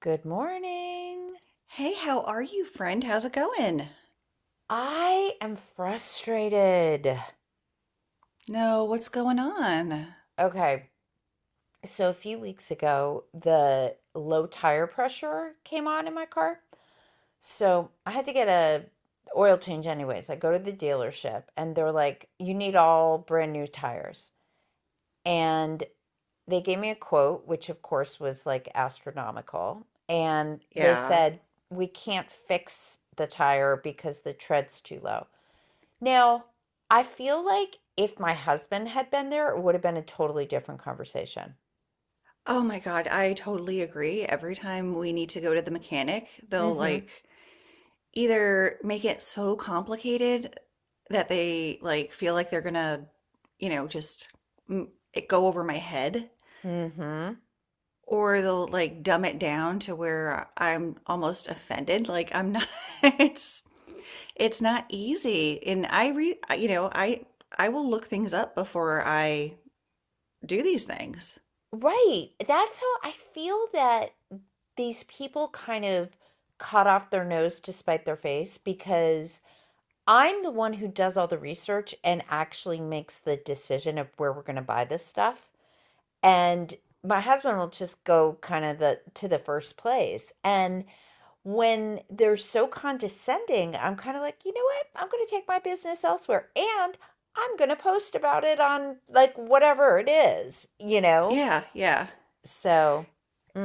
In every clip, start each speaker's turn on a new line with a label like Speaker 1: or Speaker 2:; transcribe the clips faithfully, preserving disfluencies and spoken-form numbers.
Speaker 1: Good morning.
Speaker 2: Hey, how are you, friend? How's it going?
Speaker 1: I am frustrated.
Speaker 2: No, what's going on?
Speaker 1: Okay. So a few weeks ago, the low tire pressure came on in my car. So I had to get a oil change anyways. I go to the dealership and they're like, "You need all brand new tires." And they gave me a quote, which of course was like astronomical, and they
Speaker 2: Yeah.
Speaker 1: said, "We can't fix the tire because the tread's too low." Now, I feel like if my husband had been there, it would have been a totally different conversation.
Speaker 2: Oh my God, I totally agree. Every time we need to go to the mechanic, they'll
Speaker 1: Mm-hmm.
Speaker 2: like either make it so complicated that they like feel like they're gonna, you know, just mm, it go over my head,
Speaker 1: Mm-hmm.
Speaker 2: or they'll like dumb it down to where I'm almost offended. Like I'm not, it's It's not easy. And I re you know, I I will look things up before I do these things.
Speaker 1: Right. That's how I feel that these people kind of cut off their nose to spite their face because I'm the one who does all the research and actually makes the decision of where we're going to buy this stuff. And my husband will just go kind of the to the first place. And when they're so condescending, I'm kind of like, you know what? I'm going to take my business elsewhere and I'm going to post about it on like whatever it is, you know?
Speaker 2: Yeah, yeah.
Speaker 1: So,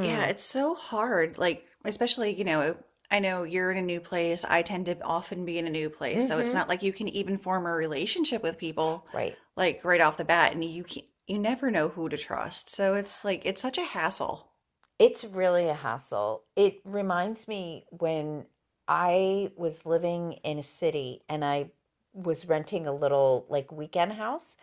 Speaker 2: Yeah, it's so hard. Like especially, you know, I know you're in a new place. I tend to often be in a new place, so it's
Speaker 1: mm-hmm.
Speaker 2: not like you can even form a relationship with people
Speaker 1: Right.
Speaker 2: like right off the bat, and you can you never know who to trust. So it's like it's such a hassle.
Speaker 1: It's really a hassle. It reminds me when I was living in a city and I was renting a little like weekend house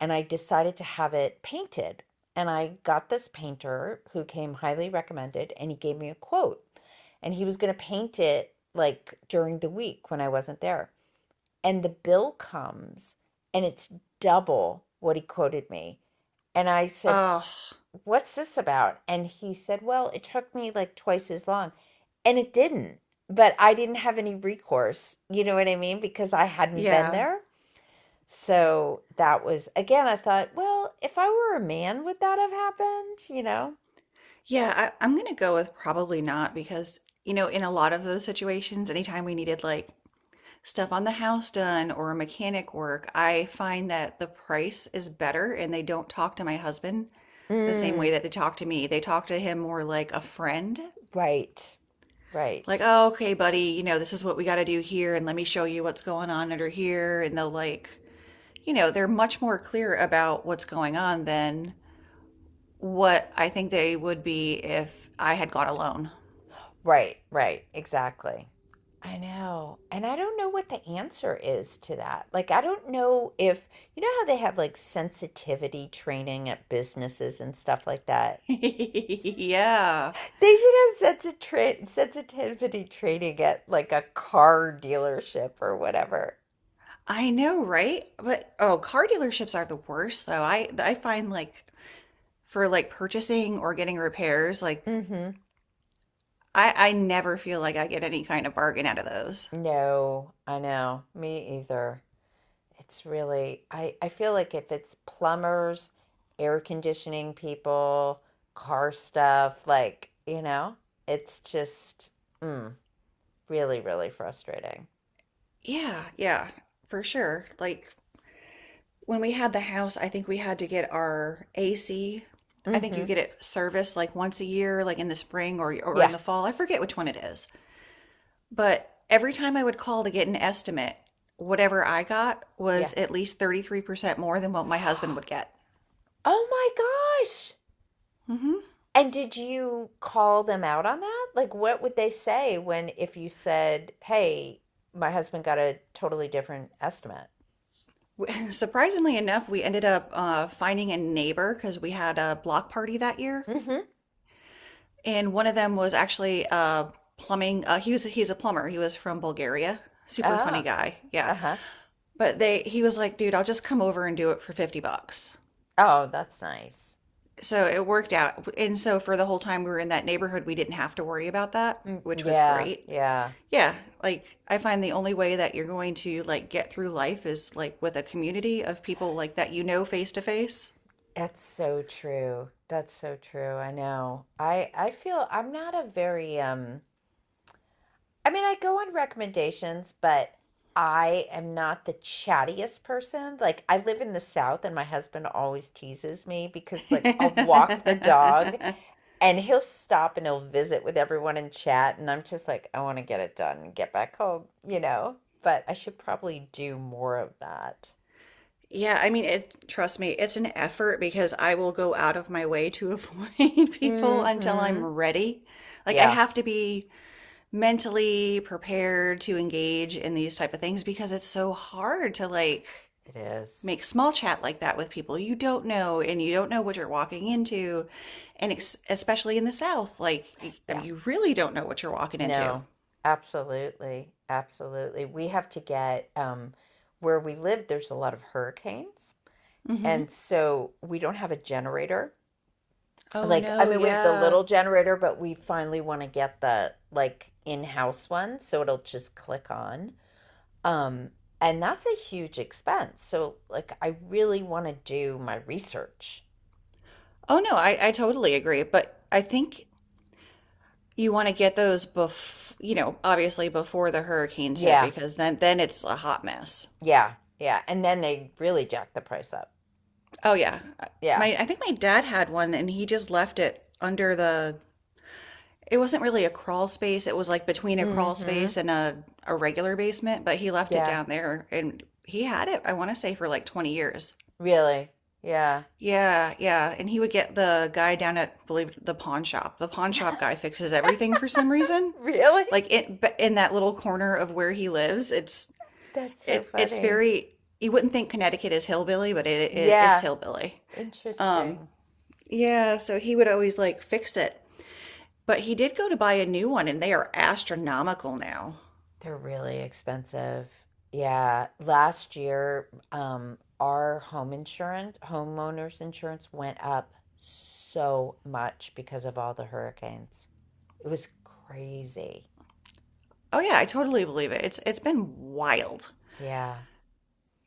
Speaker 1: and I decided to have it painted. And I got this painter who came highly recommended and he gave me a quote and he was going to paint it like during the week when I wasn't there. And the bill comes and it's double what he quoted me. And I said,
Speaker 2: Oh,
Speaker 1: what's this about? And he said, well, it took me like twice as long. And it didn't, but I didn't have any recourse. You know what I mean? Because I hadn't been
Speaker 2: yeah.
Speaker 1: there. So that was, again, I thought, well, if I were a man, would that have happened? You know?
Speaker 2: Yeah, I, I'm gonna go with probably not because, you know, in a lot of those situations, anytime we needed like stuff on the house done or mechanic work, I find that the price is better and they don't talk to my husband the same way
Speaker 1: Mm,
Speaker 2: that they talk to me. They talk to him more like a friend.
Speaker 1: right,
Speaker 2: Like,
Speaker 1: right,
Speaker 2: oh, okay, buddy, you know, this is what we got to do here, and let me show you what's going on under here. And they'll, like, you know, they're much more clear about what's going on than what I think they would be if I had gone alone.
Speaker 1: right, right. Exactly. I know. And I don't know what the answer is to that. Like, I don't know if, you know how they have like sensitivity training at businesses and stuff like that?
Speaker 2: Yeah.
Speaker 1: They should have sensi tra sensitivity training at like a car dealership or whatever.
Speaker 2: I know, right? But oh, car dealerships are the worst though. I I find like for like purchasing or getting repairs, like
Speaker 1: Mm-hmm.
Speaker 2: I I never feel like I get any kind of bargain out of those.
Speaker 1: No, I know. Me either. It's really, I, I feel like if it's plumbers, air conditioning people, car stuff, like, you know, it's just mm, really, really frustrating.
Speaker 2: Yeah, yeah, for sure. Like when we had the house, I think we had to get our A C. I think
Speaker 1: Mm-hmm.
Speaker 2: you get it serviced like once a year, like in the spring or or
Speaker 1: Yeah,
Speaker 2: in the fall. I forget which one it is. But every time I would call to get an estimate, whatever I got
Speaker 1: yeah.
Speaker 2: was at least thirty-three percent more than what my husband would get.
Speaker 1: Oh my gosh.
Speaker 2: Hmm.
Speaker 1: And did you call them out on that? Like, what would they say when, if you said, hey, my husband got a totally different estimate?
Speaker 2: Surprisingly enough, we ended up uh, finding a neighbor because we had a block party that year,
Speaker 1: Mm-hmm.
Speaker 2: and one of them was actually uh, plumbing. Uh, he was he's a plumber. He was from Bulgaria. Super funny
Speaker 1: Ah,
Speaker 2: guy. Yeah,
Speaker 1: uh-huh.
Speaker 2: but they he was like, dude, I'll just come over and do it for fifty bucks.
Speaker 1: Oh, that's nice.
Speaker 2: So it worked out, and so for the whole time we were in that neighborhood, we didn't have to worry about that,
Speaker 1: Mm,
Speaker 2: which was
Speaker 1: yeah,
Speaker 2: great.
Speaker 1: yeah.
Speaker 2: Yeah, like I find the only way that you're going to like get through life is like with a community of people like that, you know, face to face.
Speaker 1: That's so true. That's so true. I know. I I feel I'm not a very um I mean, I go on recommendations, but I am not the chattiest person. Like, I live in the South, and my husband always teases me because, like, I'll walk the dog and he'll stop and he'll visit with everyone and chat. And I'm just like, I want to get it done and get back home, you know? But I should probably do more of that.
Speaker 2: Yeah, I mean, it, trust me, it's an effort because I will go out of my way to avoid people until I'm
Speaker 1: Mm-hmm.
Speaker 2: ready. Like I
Speaker 1: Yeah,
Speaker 2: have to be mentally prepared to engage in these type of things because it's so hard to like
Speaker 1: it is.
Speaker 2: make small chat like that with people you don't know and you don't know what you're walking into. And ex especially in the South, like y- I
Speaker 1: Yeah.
Speaker 2: mean, you really don't know what you're walking into.
Speaker 1: No, absolutely. Absolutely. We have to get, um, where we live, there's a lot of hurricanes.
Speaker 2: Hmm.
Speaker 1: And so we don't have a generator.
Speaker 2: Oh
Speaker 1: Like, I
Speaker 2: no,
Speaker 1: mean, we have the
Speaker 2: yeah.
Speaker 1: little generator, but we finally want to get the like in-house one, so it'll just click on. Um, and that's a huge expense. So like I really want to do my research.
Speaker 2: Oh no, I, I totally agree, but I think you want to get those bef you know, obviously before the hurricanes hit
Speaker 1: Yeah,
Speaker 2: because then then it's a hot mess.
Speaker 1: yeah, yeah. And then they really jack the price up.
Speaker 2: Oh yeah.
Speaker 1: Yeah.
Speaker 2: My I think my dad had one and he just left it under the, it wasn't really a crawl space, it was like between a crawl
Speaker 1: Mm-hmm.
Speaker 2: space and a a regular basement, but he left it
Speaker 1: Yeah.
Speaker 2: down there and he had it, I want to say for like twenty years.
Speaker 1: Really. Yeah.
Speaker 2: Yeah, yeah. And he would get the guy down at, believe it, the pawn shop. The pawn shop guy fixes everything for some reason.
Speaker 1: Really?
Speaker 2: Like it, but in that little corner of where he lives, it's
Speaker 1: That's so
Speaker 2: it it's
Speaker 1: funny.
Speaker 2: very, you wouldn't think Connecticut is hillbilly, but it, it it's
Speaker 1: Yeah.
Speaker 2: hillbilly. Um,
Speaker 1: Interesting.
Speaker 2: yeah, so he would always like fix it. But he did go to buy a new one and they are astronomical now.
Speaker 1: They're really expensive. Yeah. Last year, um, our home insurance, homeowners insurance went up so much because of all the hurricanes. It was crazy.
Speaker 2: Oh yeah, I totally believe it. It's it's been wild.
Speaker 1: Yeah.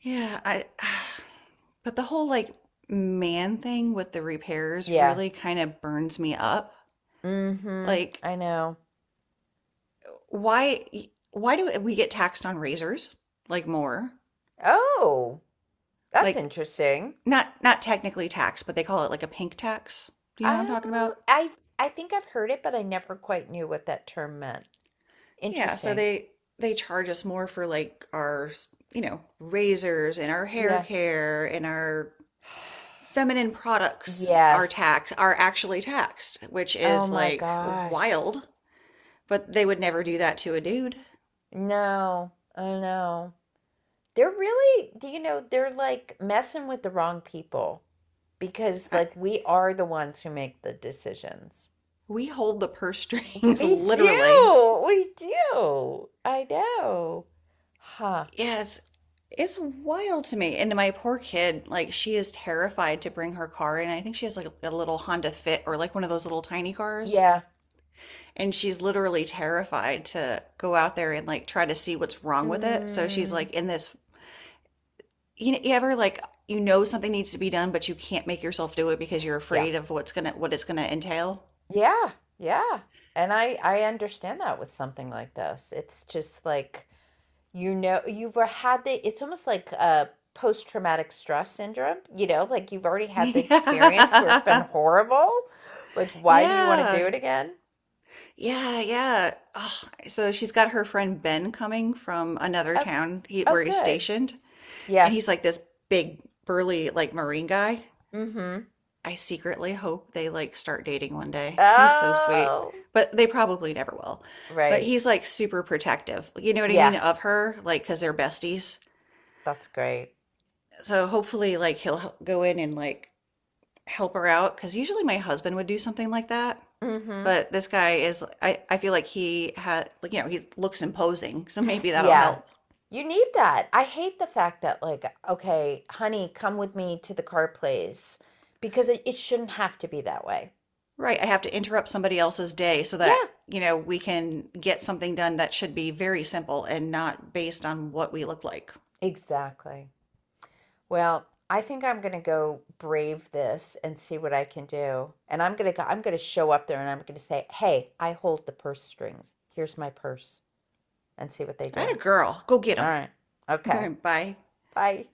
Speaker 2: Yeah, I but the whole like man thing with the repairs
Speaker 1: Yeah.
Speaker 2: really kind of burns me up.
Speaker 1: Mm-hmm.
Speaker 2: Like
Speaker 1: I know.
Speaker 2: why why do we get taxed on razors? Like more?
Speaker 1: Oh, that's
Speaker 2: Like
Speaker 1: interesting.
Speaker 2: not not technically tax, but they call it like a pink tax. Do you know what I'm talking
Speaker 1: Oh,
Speaker 2: about?
Speaker 1: I I think I've heard it, but I never quite knew what that term meant.
Speaker 2: Yeah, so
Speaker 1: Interesting.
Speaker 2: they they charge us more for like our, you know, razors and our hair
Speaker 1: Yeah.
Speaker 2: care, and our feminine products are
Speaker 1: Yes.
Speaker 2: taxed are actually taxed, which
Speaker 1: Oh
Speaker 2: is
Speaker 1: my
Speaker 2: like
Speaker 1: gosh.
Speaker 2: wild. But they would never do that to a dude.
Speaker 1: No, I know. They're really, do you know, they're like messing with the wrong people because
Speaker 2: I,
Speaker 1: like we are the ones who make the decisions.
Speaker 2: we hold the purse strings
Speaker 1: We
Speaker 2: literally.
Speaker 1: do. We do. I know. Huh.
Speaker 2: Yeah, it's it's wild to me. And my poor kid, like she is terrified to bring her car in. I think she has like a little Honda Fit or like one of those little tiny cars.
Speaker 1: Yeah.
Speaker 2: And she's literally terrified to go out there and like try to see what's wrong with it. So she's
Speaker 1: Mm,
Speaker 2: like in this, you know, you ever like you know something needs to be done but you can't make yourself do it because you're
Speaker 1: yeah.
Speaker 2: afraid of what's gonna what it's gonna entail.
Speaker 1: Yeah. Yeah. And I I understand that with something like this. It's just like you know, you've had the it's almost like a post-traumatic stress syndrome, you know, like you've already had the experience where it's been
Speaker 2: Yeah,
Speaker 1: horrible. Like, why do you want to do
Speaker 2: yeah.
Speaker 1: it again?
Speaker 2: Yeah, yeah. Oh, so she's got her friend Ben coming from another
Speaker 1: Oh,
Speaker 2: town he,
Speaker 1: oh,
Speaker 2: where he's
Speaker 1: good.
Speaker 2: stationed,
Speaker 1: Yeah.
Speaker 2: and he's like this big, burly, like Marine guy.
Speaker 1: Mm-hmm.
Speaker 2: I secretly hope they like start dating one day. He's so sweet,
Speaker 1: Oh,
Speaker 2: but they probably never will. But
Speaker 1: right.
Speaker 2: he's like super protective. You know what I
Speaker 1: Yeah,
Speaker 2: mean, of her, like because they're besties.
Speaker 1: that's great.
Speaker 2: So hopefully, like he'll h- go in and like help her out because usually my husband would do something like that.
Speaker 1: Mm-hmm.
Speaker 2: But this guy is, I, I feel like he had, like, you know, he looks imposing. So maybe that'll
Speaker 1: Yeah.
Speaker 2: help.
Speaker 1: You need that. I hate the fact that, like, okay, honey, come with me to the car place because it, it shouldn't have to be that way.
Speaker 2: Right. I have to interrupt somebody else's day so
Speaker 1: Yeah,
Speaker 2: that, you know, we can get something done that should be very simple and not based on what we look like.
Speaker 1: exactly. Well, I think I'm gonna go brave this and see what I can do. And I'm gonna go, I'm gonna show up there and I'm gonna say, "Hey, I hold the purse strings. Here's my purse," and see what they
Speaker 2: I had
Speaker 1: do.
Speaker 2: a girl. Go get
Speaker 1: All
Speaker 2: him.
Speaker 1: right. Okay.
Speaker 2: Bye.
Speaker 1: Bye.